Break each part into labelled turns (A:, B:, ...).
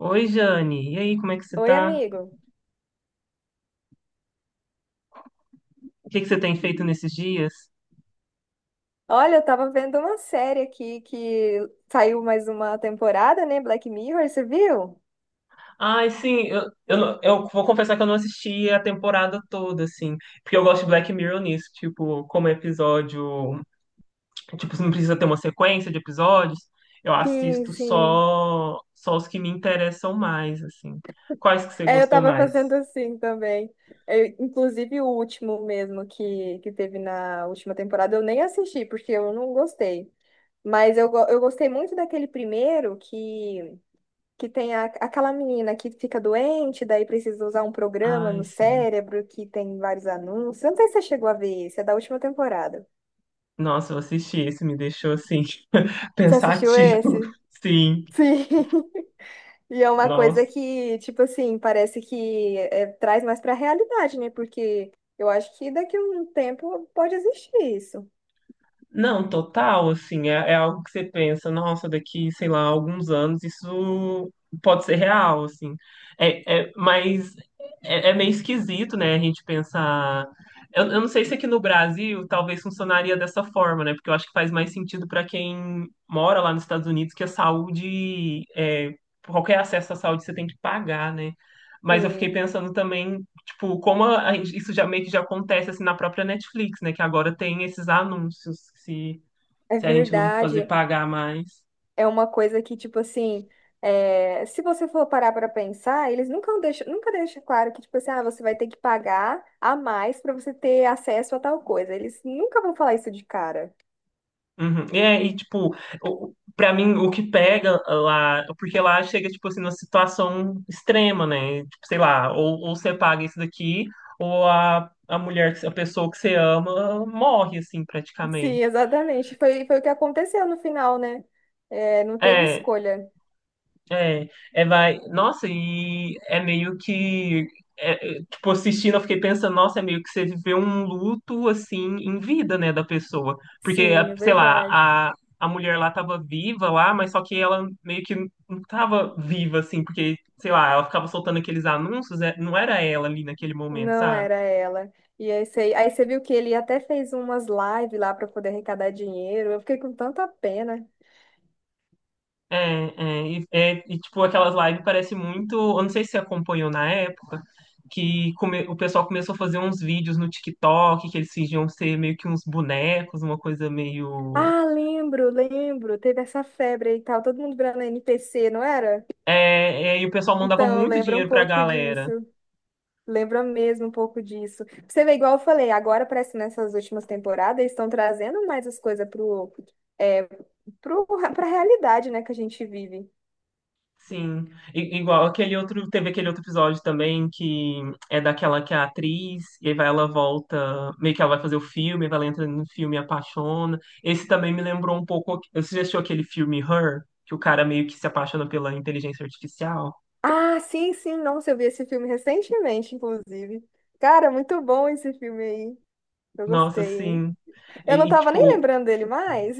A: Oi, Jane. E aí, como é que você
B: Oi,
A: tá?
B: amigo.
A: O que que você tem feito nesses dias?
B: Olha, eu tava vendo uma série aqui que saiu mais uma temporada, né? Black Mirror, você viu?
A: Ai, sim, eu, não- eu vou confessar que eu não assisti a temporada toda, assim, porque eu gosto de Black Mirror nisso, tipo, como episódio, tipo, não precisa ter uma sequência de episódios, eu
B: Sim,
A: assisto
B: sim.
A: só os que me interessam mais, assim. Quais que você
B: É, eu
A: gostou
B: tava
A: mais?
B: fazendo assim também. Inclusive o último mesmo que teve na última temporada, eu nem assisti, porque eu não gostei. Mas eu gostei muito daquele primeiro que tem aquela menina que fica doente, daí precisa usar um programa
A: Ai,
B: no
A: sim.
B: cérebro que tem vários anúncios. Eu não sei se você chegou a ver esse, é da última temporada.
A: Nossa, eu assisti esse, me deixou, assim,
B: Você assistiu
A: pensativo.
B: esse?
A: Sim,
B: Sim. E é uma coisa
A: nossa.
B: que, tipo assim, parece que é, traz mais pra realidade, né? Porque eu acho que daqui a um tempo pode existir isso.
A: Não, total, assim, é algo que você pensa, nossa, daqui, sei lá, alguns anos isso pode ser real, assim. É, mas é meio esquisito, né, a gente pensar. Eu não sei se aqui no Brasil talvez funcionaria dessa forma, né? Porque eu acho que faz mais sentido para quem mora lá nos Estados Unidos que a saúde, qualquer acesso à saúde você tem que pagar, né? Mas eu fiquei
B: Sim,
A: pensando também. Tipo, como a isso já meio que já acontece assim na própria Netflix, né? Que agora tem esses anúncios, se,
B: é
A: se a gente não fazer
B: verdade.
A: pagar mais.
B: É uma coisa que, tipo assim, se você for parar para pensar, eles nunca deixam claro que, tipo assim, ah, você vai ter que pagar a mais para você ter acesso a tal coisa. Eles nunca vão falar isso de cara.
A: Uhum. E, tipo, pra mim, o que pega lá, porque lá chega, tipo assim, numa situação extrema, né? Tipo, sei lá, ou você paga isso daqui, ou a mulher, a pessoa que você ama morre, assim,
B: Sim,
A: praticamente.
B: exatamente. Foi o que aconteceu no final, né? É, não teve
A: É,
B: escolha.
A: É, é, vai. Nossa, e é meio que. Tipo, assistindo, eu fiquei pensando, nossa, é meio que você viveu um luto, assim, em vida, né, da pessoa. Porque,
B: Sim, é
A: sei lá,
B: verdade.
A: a mulher lá tava viva lá, mas só que ela meio que não tava viva, assim, porque, sei lá, ela ficava soltando aqueles anúncios, não era ela ali naquele momento,
B: Não
A: sabe?
B: era ela. E aí você viu que ele até fez umas lives lá para poder arrecadar dinheiro. Eu fiquei com tanta pena.
A: É, é, tipo, aquelas lives parece muito. Eu não sei se você acompanhou na época, que o pessoal começou a fazer uns vídeos no TikTok, que eles fingiam ser meio que uns bonecos, uma coisa meio.
B: Ah, lembro, lembro. Teve essa febre aí e tal. Todo mundo virando NPC, não era?
A: É, e o pessoal mandava
B: Então,
A: muito
B: lembra um
A: dinheiro pra
B: pouco
A: galera.
B: disso. Lembra mesmo um pouco disso. Você vê, igual eu falei, agora parece que nessas últimas temporadas eles estão trazendo mais as coisas é, pro, pra realidade, né, que a gente vive.
A: Sim, igual aquele outro, teve aquele outro episódio também que é daquela que é a atriz, e aí vai, ela volta, meio que ela vai fazer o filme, vai ela entra no filme e apaixona. Esse também me lembrou um pouco, você já assistiu aquele filme Her, que o cara meio que se apaixona pela inteligência artificial?
B: Ah, sim, sim, nossa, eu vi esse filme recentemente, inclusive. Cara, muito bom esse filme aí. Eu
A: Nossa,
B: gostei, hein?
A: sim.
B: Eu não
A: E, e,
B: tava nem
A: tipo,
B: lembrando dele mais.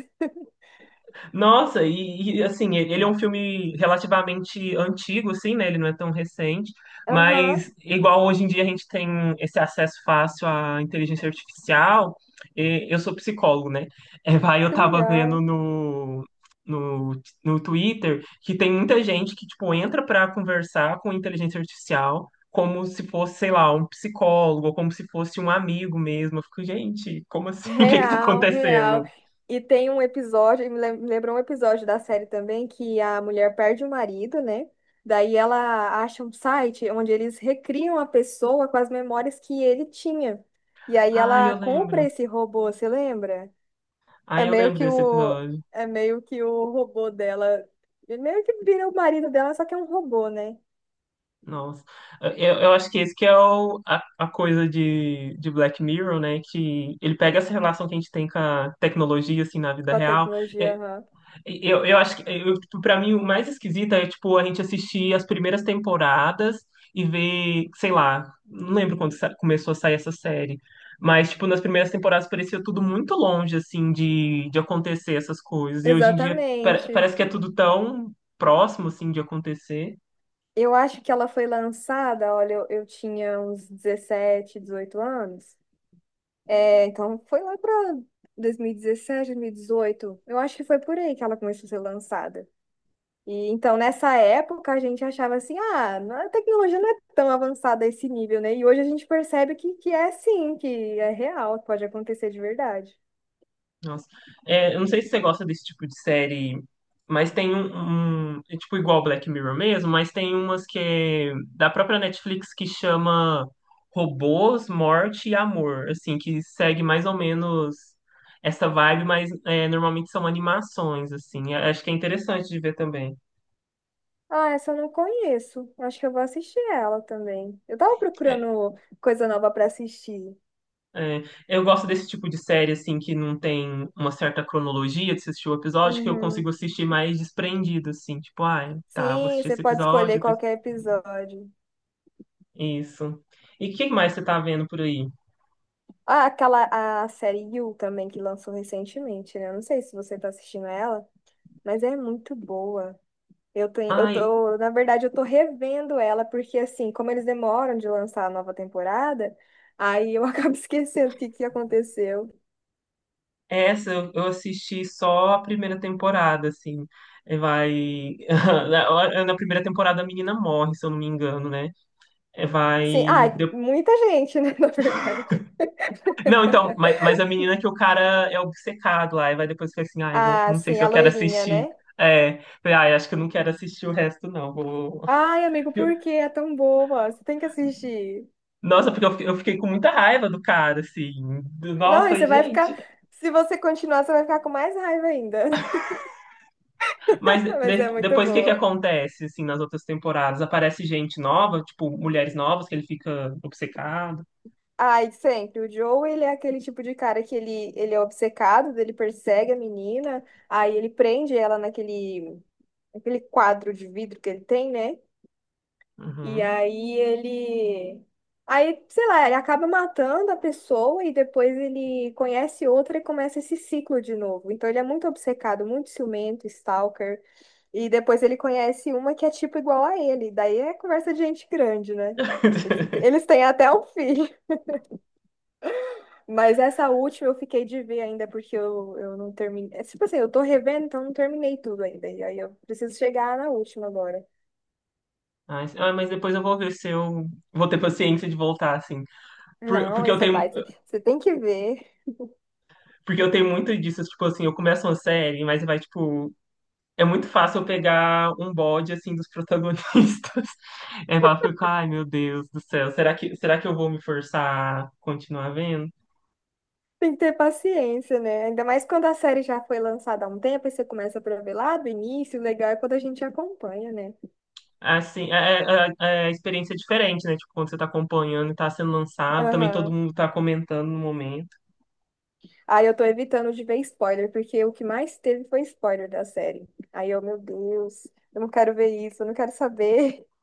A: Nossa, assim, ele é um filme relativamente antigo, assim, né? Ele não é tão recente,
B: Aham,
A: mas igual hoje em dia a gente tem esse acesso fácil à inteligência artificial, e eu sou psicólogo, né? É, vai, eu
B: que
A: tava vendo
B: legal.
A: no Twitter que tem muita gente que, tipo, entra para conversar com inteligência artificial como se fosse, sei lá, um psicólogo, ou como se fosse um amigo mesmo. Eu fico, gente, como assim? O que que tá
B: Real, real.
A: acontecendo?
B: E tem um episódio, me lembrou um episódio da série também, que a mulher perde o marido, né? Daí ela acha um site onde eles recriam a pessoa com as memórias que ele tinha. E aí
A: Ah,
B: ela
A: eu
B: compra
A: lembro.
B: esse robô, você lembra? É
A: Aí eu
B: meio
A: lembro
B: que
A: desse
B: o,
A: episódio.
B: é meio que o robô dela. Ele meio que vira o marido dela, só que é um robô, né?
A: Nossa. Eu acho que esse que é a coisa de Black Mirror, né? Que ele pega essa relação que a gente tem com a tecnologia, assim, na vida
B: Com a
A: real.
B: tecnologia.
A: É,
B: Aham.
A: eu acho que, eu, tipo, pra mim, o mais esquisito é, tipo, a gente assistir as primeiras temporadas e ver, sei lá, não lembro quando começou a sair essa série. Mas, tipo, nas primeiras temporadas parecia tudo muito longe, assim, de acontecer essas coisas. E hoje em dia pare-
B: Exatamente.
A: parece que é tudo tão próximo, assim, de acontecer.
B: Eu acho que ela foi lançada, olha, eu tinha uns 17, 18 anos. É, então foi lá para 2017, dezoito. Eu acho que foi por aí que ela começou a ser lançada. E então, nessa época, a gente achava assim, ah, a tecnologia não é tão avançada a esse nível, né? E hoje a gente percebe que é sim, que é real, que pode acontecer de verdade.
A: Nossa. É, eu não sei se você gosta desse tipo de série, mas tem é tipo igual Black Mirror mesmo, mas tem umas que é da própria Netflix que chama Robôs, Morte e Amor, assim, que segue mais ou menos essa vibe, mas normalmente são animações, assim. Eu acho que é interessante de ver também.
B: Ah, essa eu não conheço. Acho que eu vou assistir ela também. Eu tava
A: É,
B: procurando coisa nova pra assistir.
A: é, eu gosto desse tipo de série, assim, que não tem uma certa cronologia de se assistir o episódio, que eu
B: Uhum.
A: consigo assistir mais desprendido, assim, tipo, ah, tá, eu vou
B: Sim,
A: assistir
B: você
A: esse
B: pode escolher
A: episódio.
B: qualquer episódio.
A: Isso. E o que mais você tá vendo por aí?
B: Ah, aquela a série You também que lançou recentemente, né? Eu não sei se você tá assistindo ela, mas é muito boa. Eu tenho, eu
A: Ai,
B: tô, na verdade, eu tô revendo ela, porque assim, como eles demoram de lançar a nova temporada, aí eu acabo esquecendo o que que aconteceu.
A: essa eu assisti só a primeira temporada, assim. É, vai. Na primeira temporada a menina morre, se eu não me engano, né? É,
B: Sim,
A: vai.
B: ah, muita gente, né, na verdade.
A: Não, então, mas a menina que o cara é obcecado lá, e vai depois fica assim, ai, não,
B: Ah,
A: não sei
B: sim,
A: se
B: a
A: eu quero
B: loirinha,
A: assistir.
B: né?
A: É, falei, ai, acho que eu não quero assistir o resto, não. Vou...
B: Ai, amigo, por que é tão boa? Você tem que assistir.
A: Nossa, porque eu fiquei com muita raiva do cara, assim.
B: Não,
A: Nossa,
B: e
A: falei,
B: você vai ficar,
A: gente.
B: se você continuar, você vai ficar com mais raiva ainda.
A: Mas
B: Mas
A: de-
B: é muito
A: depois o que que
B: boa.
A: acontece, assim, nas outras temporadas? Aparece gente nova, tipo, mulheres novas que ele fica obcecado.
B: Ai, sempre. O Joe, ele é aquele tipo de cara que ele é obcecado, ele persegue a menina, aí ele prende ela naquele quadro de vidro que ele tem, né? E
A: Uhum.
B: aí ele. Aí, sei lá, ele acaba matando a pessoa e depois ele conhece outra e começa esse ciclo de novo. Então ele é muito obcecado, muito ciumento, stalker. E depois ele conhece uma que é tipo igual a ele. Daí é conversa de gente grande, né? Eles têm até um filho. Mas essa última eu fiquei de ver ainda, porque eu não terminei. É, tipo assim, eu tô revendo, então eu não terminei tudo ainda. E aí eu preciso chegar na última agora.
A: Ai, ah, mas depois eu vou ver se eu vou ter paciência de voltar, assim. Por-
B: Não,
A: porque
B: aí
A: eu
B: você
A: tenho,
B: vai, você tem que ver.
A: porque eu tenho muito disso, tipo assim, eu começo uma série, mas vai, tipo, é muito fácil eu pegar um bode, assim, dos protagonistas. É, eu fico, ai, meu Deus do céu, será que eu vou me forçar a continuar vendo?
B: Tem que ter paciência, né? Ainda mais quando a série já foi lançada há um tempo, aí você começa pra ver lá do início, o legal é quando a gente acompanha, né?
A: Assim, é experiência diferente, né? Tipo, quando você tá acompanhando e tá sendo lançado, também todo
B: Aham.
A: mundo tá comentando no momento.
B: Aí eu tô evitando de ver spoiler, porque o que mais teve foi spoiler da série. Aí eu, meu Deus, eu não quero ver isso, eu não quero saber.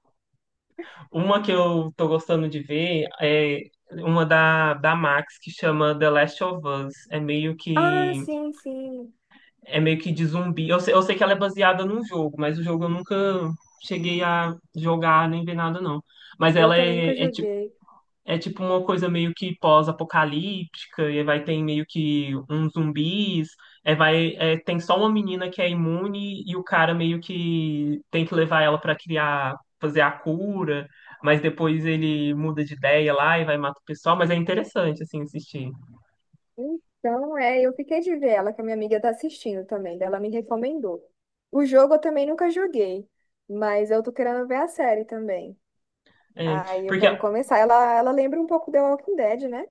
A: Uma que eu tô gostando de ver é uma da, da Max que chama The Last of Us. É meio
B: Ah,
A: que
B: sim, sim.
A: é meio que de zumbi. Eu sei que ela é baseada num jogo, mas o jogo eu nunca cheguei a jogar nem ver nada, não. Mas
B: Eu
A: ela
B: também
A: é,
B: nunca
A: é tipo
B: joguei.
A: É tipo uma coisa meio que pós-apocalíptica, e vai ter meio que uns zumbis, é, vai, é, tem só uma menina que é imune e o cara meio que tem que levar ela pra criar, fazer a cura, mas depois ele muda de ideia lá e vai matar o pessoal, mas é interessante assim assistir.
B: Então, eu fiquei de ver ela, que a minha amiga tá assistindo também, daí ela me recomendou. O jogo eu também nunca joguei, mas eu tô querendo ver a série também.
A: É,
B: Aí eu
A: porque
B: quero começar. Ela lembra um pouco The Walking Dead, né?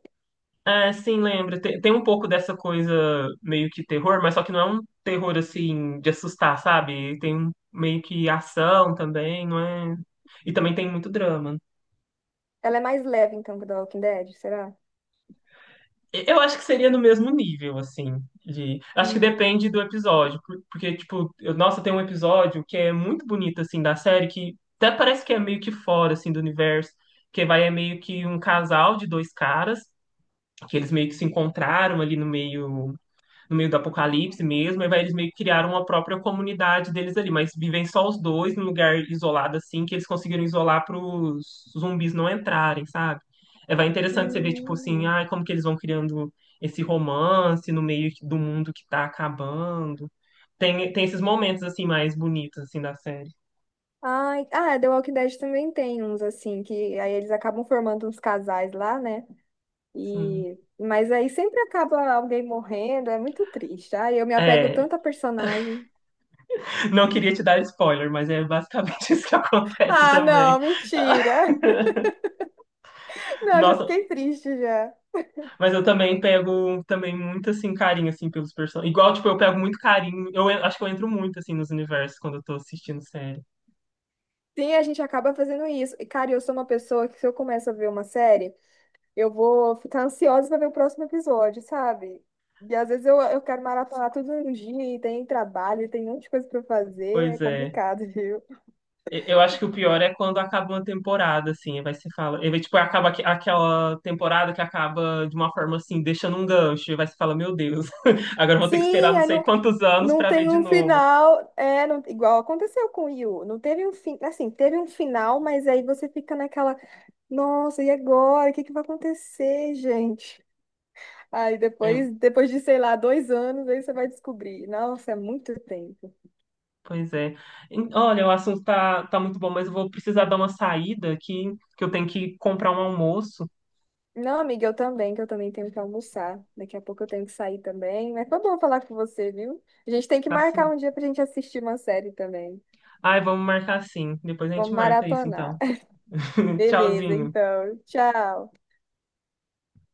A: assim, lembra, tem um pouco dessa coisa meio que terror, mas só que não é um terror assim de assustar, sabe? Tem meio que ação também, não é? E também tem muito drama.
B: Ela é mais leve, então, que The Walking Dead, será?
A: Eu acho que seria no mesmo nível, assim, de... Acho que depende
B: Hum,
A: do episódio, porque, tipo, nossa, tem um episódio que é muito bonito, assim, da série, que até parece que é meio que fora, assim, do universo, que vai é meio que um casal de dois caras, que eles meio que se encontraram ali no meio, no meio do apocalipse mesmo, e vai, eles meio que criaram uma própria comunidade deles ali, mas vivem só os dois num lugar isolado assim, que eles conseguiram isolar para os zumbis não entrarem, sabe? É, vai interessante você ver, tipo assim,
B: hum.
A: ai, como que eles vão criando esse romance no meio do mundo que tá acabando. Tem esses momentos, assim, mais bonitos, assim, da série.
B: Ai, ah, The Walking Dead também tem uns assim, que aí eles acabam formando uns casais lá, né?
A: Sim.
B: E, mas aí sempre acaba alguém morrendo, é muito triste. Ai, eu me apego
A: É,
B: tanto a personagem.
A: não queria te dar spoiler, mas é basicamente isso que acontece
B: Ah,
A: também.
B: não, mentira. Não, já
A: Nossa,
B: fiquei triste já.
A: mas eu também pego também muito assim carinho assim pelos personagens. Igual, tipo, eu pego muito carinho. Eu acho que eu entro muito assim nos universos quando eu tô assistindo série.
B: Sim, a gente acaba fazendo isso. E, cara, eu sou uma pessoa que se eu começo a ver uma série, eu vou ficar ansiosa pra ver o próximo episódio, sabe? E às vezes eu quero maratonar tudo no dia e tem trabalho, tem um monte de coisa pra fazer, é
A: Pois é.
B: complicado, viu?
A: Eu acho que o pior é quando acaba uma temporada assim, aí vai se fala, aí vai, tipo, acaba aquela temporada que acaba de uma forma assim, deixando um gancho, e vai se fala, meu Deus, agora eu vou ter que esperar
B: Sim,
A: não
B: aí
A: sei
B: não,
A: quantos anos
B: não
A: pra ver
B: tem
A: de
B: um
A: novo.
B: final, igual aconteceu com o Yu, não teve um fim, assim, teve um final, mas aí você fica naquela, nossa, e agora? O que que vai acontecer, gente? Aí depois,
A: É,
B: depois de, sei lá, 2 anos, aí você vai descobrir. Nossa, é muito tempo.
A: pois é. E, olha, o assunto tá muito bom, mas eu vou precisar dar uma saída aqui, que eu tenho que comprar um almoço.
B: Não, amiga, eu também, que eu também tenho que almoçar. Daqui a pouco eu tenho que sair também. Mas foi bom falar com você, viu? A gente tem que
A: Tá.
B: marcar um dia pra gente assistir uma série também.
A: Ai, vamos marcar sim. Depois a gente
B: Vamos
A: marca isso,
B: maratonar.
A: então.
B: Beleza,
A: Tchauzinho.
B: então. Tchau.